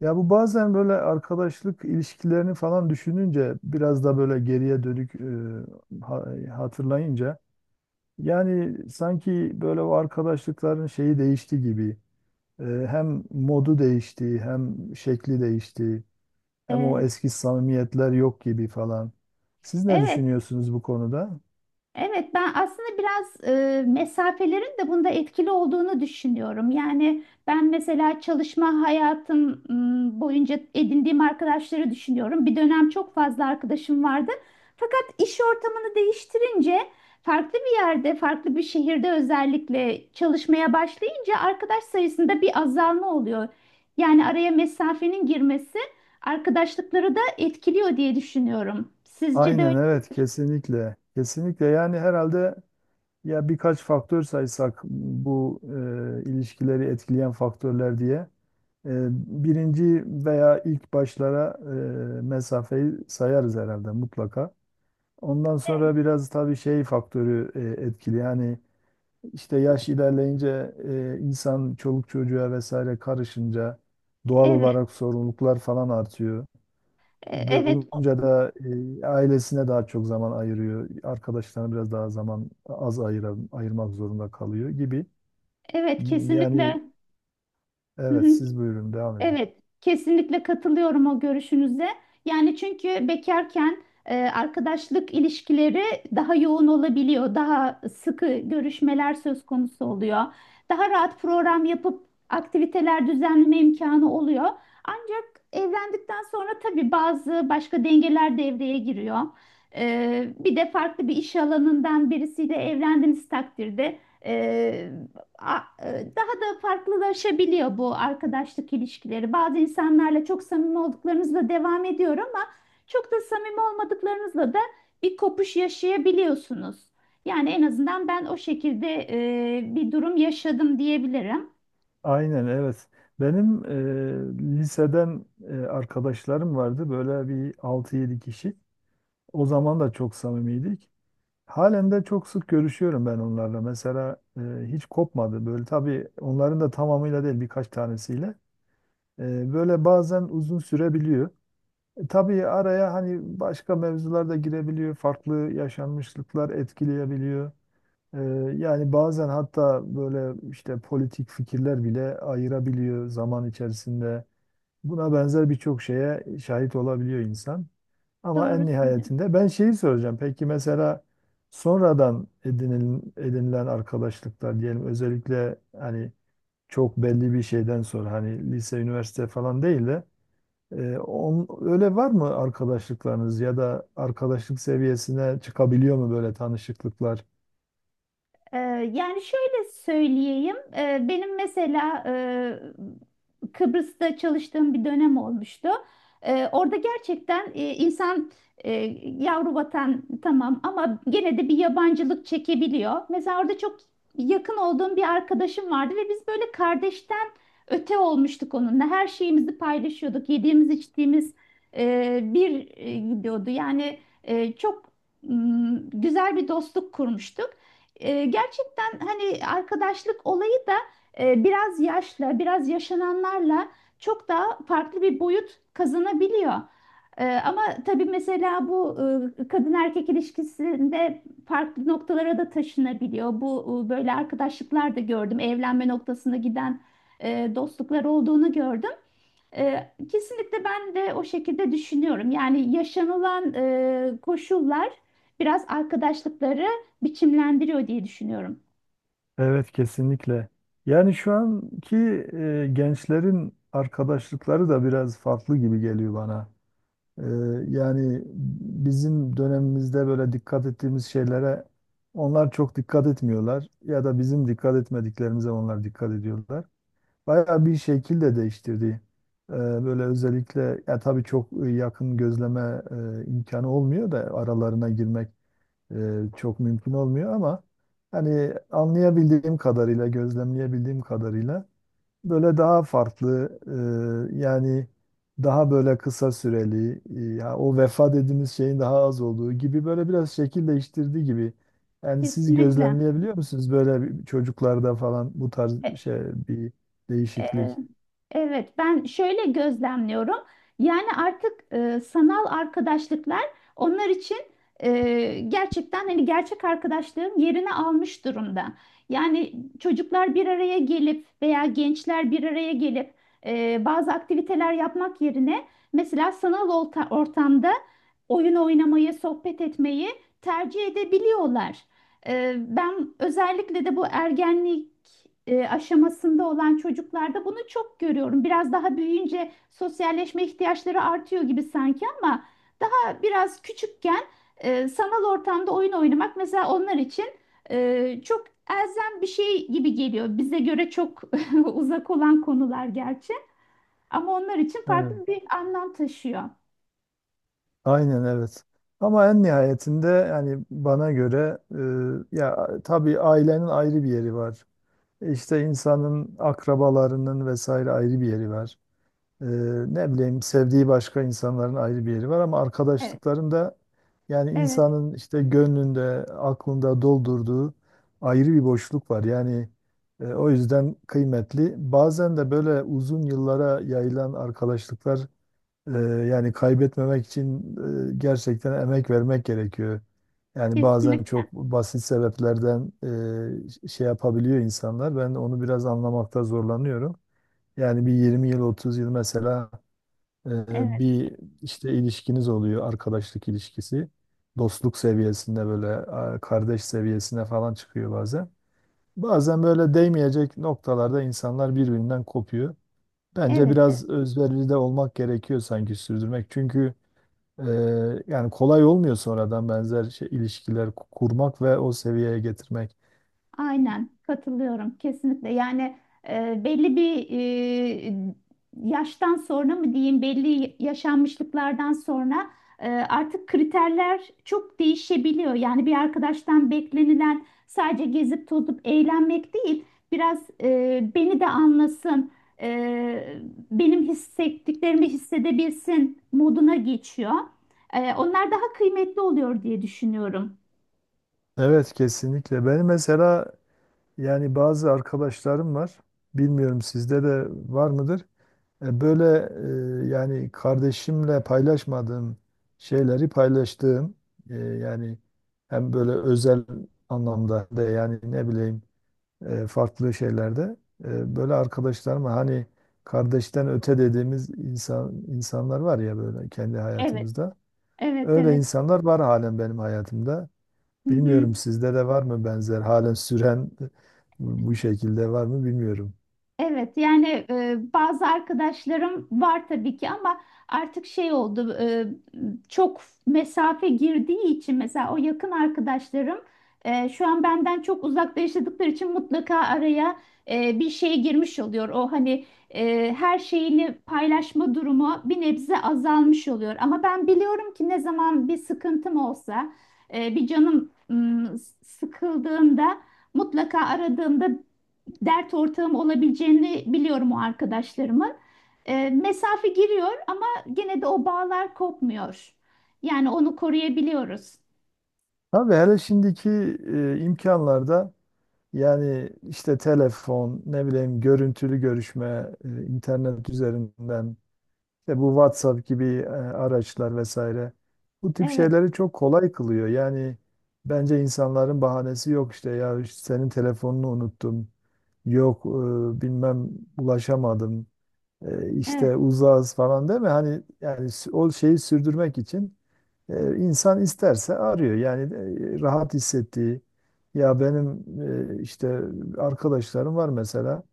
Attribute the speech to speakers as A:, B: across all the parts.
A: Ya bu bazen böyle arkadaşlık ilişkilerini falan düşününce biraz da böyle geriye dönük hatırlayınca yani sanki böyle o arkadaşlıkların şeyi değişti gibi. Hem modu değişti, hem şekli değişti, hem o
B: Ee,
A: eski samimiyetler yok gibi falan. Siz ne
B: evet,
A: düşünüyorsunuz bu konuda?
B: evet ben aslında biraz mesafelerin de bunda etkili olduğunu düşünüyorum. Yani ben mesela çalışma hayatım boyunca edindiğim arkadaşları düşünüyorum. Bir dönem çok fazla arkadaşım vardı. Fakat iş ortamını değiştirince farklı bir yerde, farklı bir şehirde özellikle çalışmaya başlayınca arkadaş sayısında bir azalma oluyor. Yani araya mesafenin girmesi arkadaşlıkları da etkiliyor diye düşünüyorum. Sizce de öyle?
A: Aynen
B: mi?
A: evet, kesinlikle. Kesinlikle yani herhalde ya birkaç faktör saysak bu ilişkileri etkileyen faktörler diye. E, Birinci veya ilk başlara mesafeyi sayarız herhalde mutlaka. Ondan sonra biraz tabii şey faktörü etkili. Yani işte yaş ilerleyince insan çoluk çocuğa vesaire karışınca doğal
B: Evet.
A: olarak sorumluluklar falan artıyor. Böyle
B: Evet,
A: olunca da ailesine daha çok zaman ayırıyor. Arkadaşlarına biraz daha zaman ayırmak zorunda kalıyor gibi.
B: evet kesinlikle.
A: Yani
B: Hı
A: evet,
B: hı.
A: siz buyurun devam edin.
B: Evet, kesinlikle katılıyorum o görüşünüze. Yani çünkü bekarken arkadaşlık ilişkileri daha yoğun olabiliyor, daha sıkı görüşmeler söz konusu oluyor. Daha rahat program yapıp aktiviteler düzenleme imkanı oluyor. Ancak evlendikten sonra tabii bazı başka dengeler devreye giriyor. E, bir de farklı bir iş alanından birisiyle evlendiğiniz takdirde. e, a- e, Daha da farklılaşabiliyor bu arkadaşlık ilişkileri. Bazı insanlarla çok samimi olduklarınızla devam ediyor ama çok da samimi olmadıklarınızla da bir kopuş yaşayabiliyorsunuz. Yani en azından ben o şekilde bir durum yaşadım diyebilirim.
A: Aynen evet. Benim liseden arkadaşlarım vardı. Böyle bir altı yedi kişi. O zaman da çok samimiydik. Halen de çok sık görüşüyorum ben onlarla. Mesela hiç kopmadı. Böyle tabii onların da tamamıyla değil, birkaç tanesiyle. Böyle bazen uzun sürebiliyor. Tabii araya hani başka mevzular da girebiliyor. Farklı yaşanmışlıklar etkileyebiliyor. Ee, Yani bazen hatta böyle işte politik fikirler bile ayırabiliyor zaman içerisinde. Buna benzer birçok şeye şahit olabiliyor insan. Ama en
B: Doğru söylüyorsun.
A: nihayetinde ben şeyi soracağım. Peki mesela sonradan edinilen arkadaşlıklar diyelim, özellikle hani çok belli bir şeyden sonra, hani lise, üniversite falan değil de öyle var mı arkadaşlıklarınız ya da arkadaşlık seviyesine çıkabiliyor mu böyle tanışıklıklar?
B: Ee, Yani şöyle söyleyeyim, benim mesela Kıbrıs'ta çalıştığım bir dönem olmuştu. Orada gerçekten insan e, yavru vatan tamam ama gene de bir yabancılık çekebiliyor. Mesela orada çok yakın olduğum bir arkadaşım vardı ve biz böyle kardeşten öte olmuştuk onunla. Her şeyimizi paylaşıyorduk, yediğimiz içtiğimiz gidiyordu. Yani çok güzel bir dostluk kurmuştuk. E, gerçekten hani arkadaşlık olayı da biraz yaşla, biraz yaşananlarla çok daha farklı bir boyut kazanabiliyor. E, ama tabii mesela bu kadın erkek ilişkisinde farklı noktalara da taşınabiliyor. Bu böyle arkadaşlıklar da gördüm. Evlenme noktasına giden dostluklar olduğunu gördüm. Kesinlikle ben de o şekilde düşünüyorum. Yani yaşanılan koşullar biraz arkadaşlıkları biçimlendiriyor diye düşünüyorum.
A: Evet, kesinlikle. Yani şu anki gençlerin arkadaşlıkları da biraz farklı gibi geliyor bana. E, Yani bizim dönemimizde böyle dikkat ettiğimiz şeylere onlar çok dikkat etmiyorlar ya da bizim dikkat etmediklerimize onlar dikkat ediyorlar. Bayağı bir şekil de değiştirdi. Böyle özellikle ya tabii çok yakın gözleme imkanı olmuyor da aralarına girmek çok mümkün olmuyor ama hani anlayabildiğim kadarıyla, gözlemleyebildiğim kadarıyla böyle daha farklı, yani daha böyle kısa süreli, ya o vefa dediğimiz şeyin daha az olduğu gibi, böyle biraz şekil değiştirdiği gibi. Yani siz
B: Kesinlikle.
A: gözlemleyebiliyor musunuz çocuklarda falan bu
B: E,
A: tarz şey bir
B: Ee,
A: değişiklik?
B: Evet, ben şöyle gözlemliyorum. Yani artık sanal arkadaşlıklar onlar için gerçekten hani gerçek arkadaşlığın yerini almış durumda. Yani çocuklar bir araya gelip veya gençler bir araya gelip bazı aktiviteler yapmak yerine mesela sanal ortamda oyun oynamayı, sohbet etmeyi tercih edebiliyorlar. Ben özellikle de bu ergenlik aşamasında olan çocuklarda bunu çok görüyorum. Biraz daha büyüyünce sosyalleşme ihtiyaçları artıyor gibi sanki ama daha biraz küçükken sanal ortamda oyun oynamak mesela onlar için çok elzem bir şey gibi geliyor. Bize göre çok uzak olan konular gerçi ama onlar için
A: Evet.
B: farklı bir anlam taşıyor.
A: Aynen evet. Ama en nihayetinde yani bana göre, ya tabii ailenin ayrı bir yeri var. İşte insanın akrabalarının vesaire ayrı bir yeri var. Ee, Ne bileyim, sevdiği başka insanların ayrı bir yeri var ama
B: Evet,
A: arkadaşlıkların da yani
B: evet,
A: insanın işte gönlünde, aklında doldurduğu ayrı bir boşluk var. Yani o yüzden kıymetli. Bazen de böyle uzun yıllara yayılan arkadaşlıklar, ee, yani kaybetmemek için gerçekten emek vermek gerekiyor. Yani bazen
B: kesinlikle.
A: çok basit sebeplerden şey yapabiliyor insanlar. Ben onu biraz anlamakta zorlanıyorum. Yani bir 20 yıl, 30 yıl mesela e,
B: Evet,
A: bir işte ilişkiniz oluyor, arkadaşlık ilişkisi. Dostluk seviyesinde böyle kardeş seviyesine falan çıkıyor bazen. Bazen böyle değmeyecek noktalarda insanlar birbirinden kopuyor. Bence
B: evet,
A: biraz özverili de olmak gerekiyor sanki sürdürmek. Çünkü ee, yani kolay olmuyor sonradan benzer ilişkiler kurmak ve o seviyeye getirmek.
B: aynen katılıyorum kesinlikle. Yani belli bir e, yaştan sonra mı diyeyim belli yaşanmışlıklardan sonra artık kriterler çok değişebiliyor. Yani bir arkadaştan beklenilen sadece gezip tozup eğlenmek değil, biraz beni de anlasın, e, benim hissettiklerimi hissedebilsin moduna geçiyor. E, onlar daha kıymetli oluyor diye düşünüyorum.
A: Evet, kesinlikle. Benim mesela yani bazı arkadaşlarım var. Bilmiyorum, sizde de var mıdır? Böyle yani kardeşimle paylaşmadığım şeyleri paylaştığım, yani hem böyle özel anlamda da, yani ne bileyim, farklı şeylerde. Böyle arkadaşlarıma, hani kardeşten öte dediğimiz insanlar var ya böyle kendi
B: Evet,
A: hayatımızda.
B: evet,
A: Öyle
B: evet.
A: insanlar var halen benim hayatımda.
B: Hı hı.
A: Bilmiyorum sizde de var mı benzer halen süren, bu şekilde var mı bilmiyorum.
B: Evet yani bazı arkadaşlarım var tabii ki ama artık şey oldu, çok mesafe girdiği için mesela o yakın arkadaşlarım şu an benden çok uzakta yaşadıkları için mutlaka araya bir şey girmiş oluyor. O hani her şeyini paylaşma durumu bir nebze azalmış oluyor. Ama ben biliyorum ki ne zaman bir sıkıntım olsa bir canım sıkıldığında mutlaka aradığımda dert ortağım olabileceğini biliyorum o arkadaşlarımın. E, mesafe giriyor ama gene de o bağlar kopmuyor. Yani onu koruyabiliyoruz.
A: Tabii hele şimdiki imkanlarda yani işte telefon, ne bileyim, görüntülü görüşme, internet üzerinden İşte bu WhatsApp gibi araçlar vesaire. Bu tip
B: Evet,
A: şeyleri çok kolay kılıyor. Yani bence insanların bahanesi yok, işte ya işte senin telefonunu unuttum. Yok bilmem ulaşamadım.
B: evet,
A: İşte uzağız falan, değil mi? Hani yani o şeyi sürdürmek için insan isterse arıyor. Yani rahat hissettiği, ya benim işte arkadaşlarım var mesela.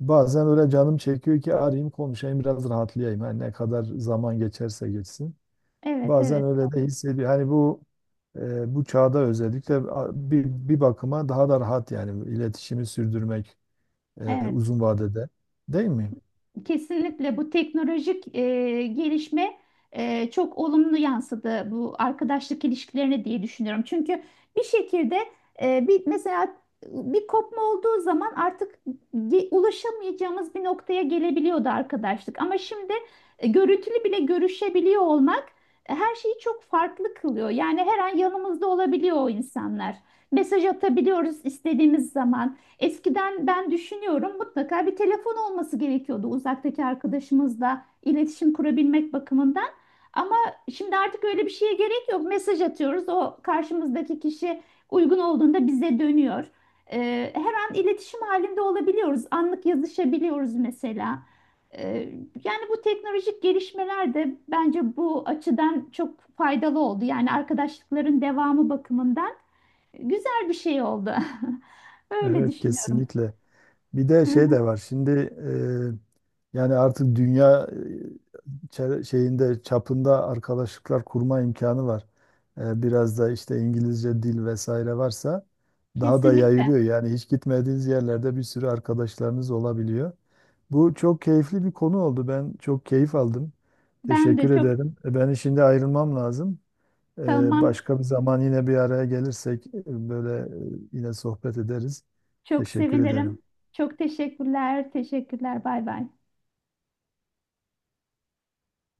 A: Bazen öyle canım çekiyor ki arayayım, konuşayım, biraz rahatlayayım. Hani ne kadar zaman geçerse geçsin.
B: evet,
A: Bazen
B: evet,
A: öyle de hissediyor. Hani bu bu çağda özellikle bir bakıma daha da rahat, yani iletişimi sürdürmek
B: evet.
A: uzun vadede. Değil mi?
B: Kesinlikle bu teknolojik gelişme çok olumlu yansıdı bu arkadaşlık ilişkilerine diye düşünüyorum. Çünkü bir şekilde e, bir mesela bir kopma olduğu zaman artık ulaşamayacağımız bir noktaya gelebiliyordu arkadaşlık. Ama şimdi görüntülü bile görüşebiliyor olmak her şeyi çok farklı kılıyor. Yani her an yanımızda olabiliyor o insanlar. Mesaj atabiliyoruz istediğimiz zaman. Eskiden ben düşünüyorum mutlaka bir telefon olması gerekiyordu uzaktaki arkadaşımızla iletişim kurabilmek bakımından. Ama şimdi artık öyle bir şeye gerek yok. Mesaj atıyoruz. O karşımızdaki kişi uygun olduğunda bize dönüyor. Her an iletişim halinde olabiliyoruz. Anlık yazışabiliyoruz mesela. Ee, Yani bu teknolojik gelişmeler de bence bu açıdan çok faydalı oldu. Yani arkadaşlıkların devamı bakımından güzel bir şey oldu. Öyle
A: Evet,
B: düşünüyorum.
A: kesinlikle. Bir de
B: Hı
A: şey
B: hı.
A: de var. Şimdi yani artık dünya şeyinde çapında arkadaşlıklar kurma imkanı var. Biraz da işte İngilizce dil vesaire varsa daha da
B: Kesinlikle.
A: yayılıyor. Yani hiç gitmediğiniz yerlerde bir sürü arkadaşlarınız olabiliyor. Bu çok keyifli bir konu oldu. Ben çok keyif aldım.
B: Ben de
A: Teşekkür
B: çok
A: ederim. Ben şimdi ayrılmam lazım.
B: tamam.
A: Başka bir zaman yine bir araya gelirsek böyle yine sohbet ederiz.
B: Çok
A: Teşekkür
B: sevinirim.
A: ederim.
B: Çok teşekkürler. Teşekkürler. Bay bay.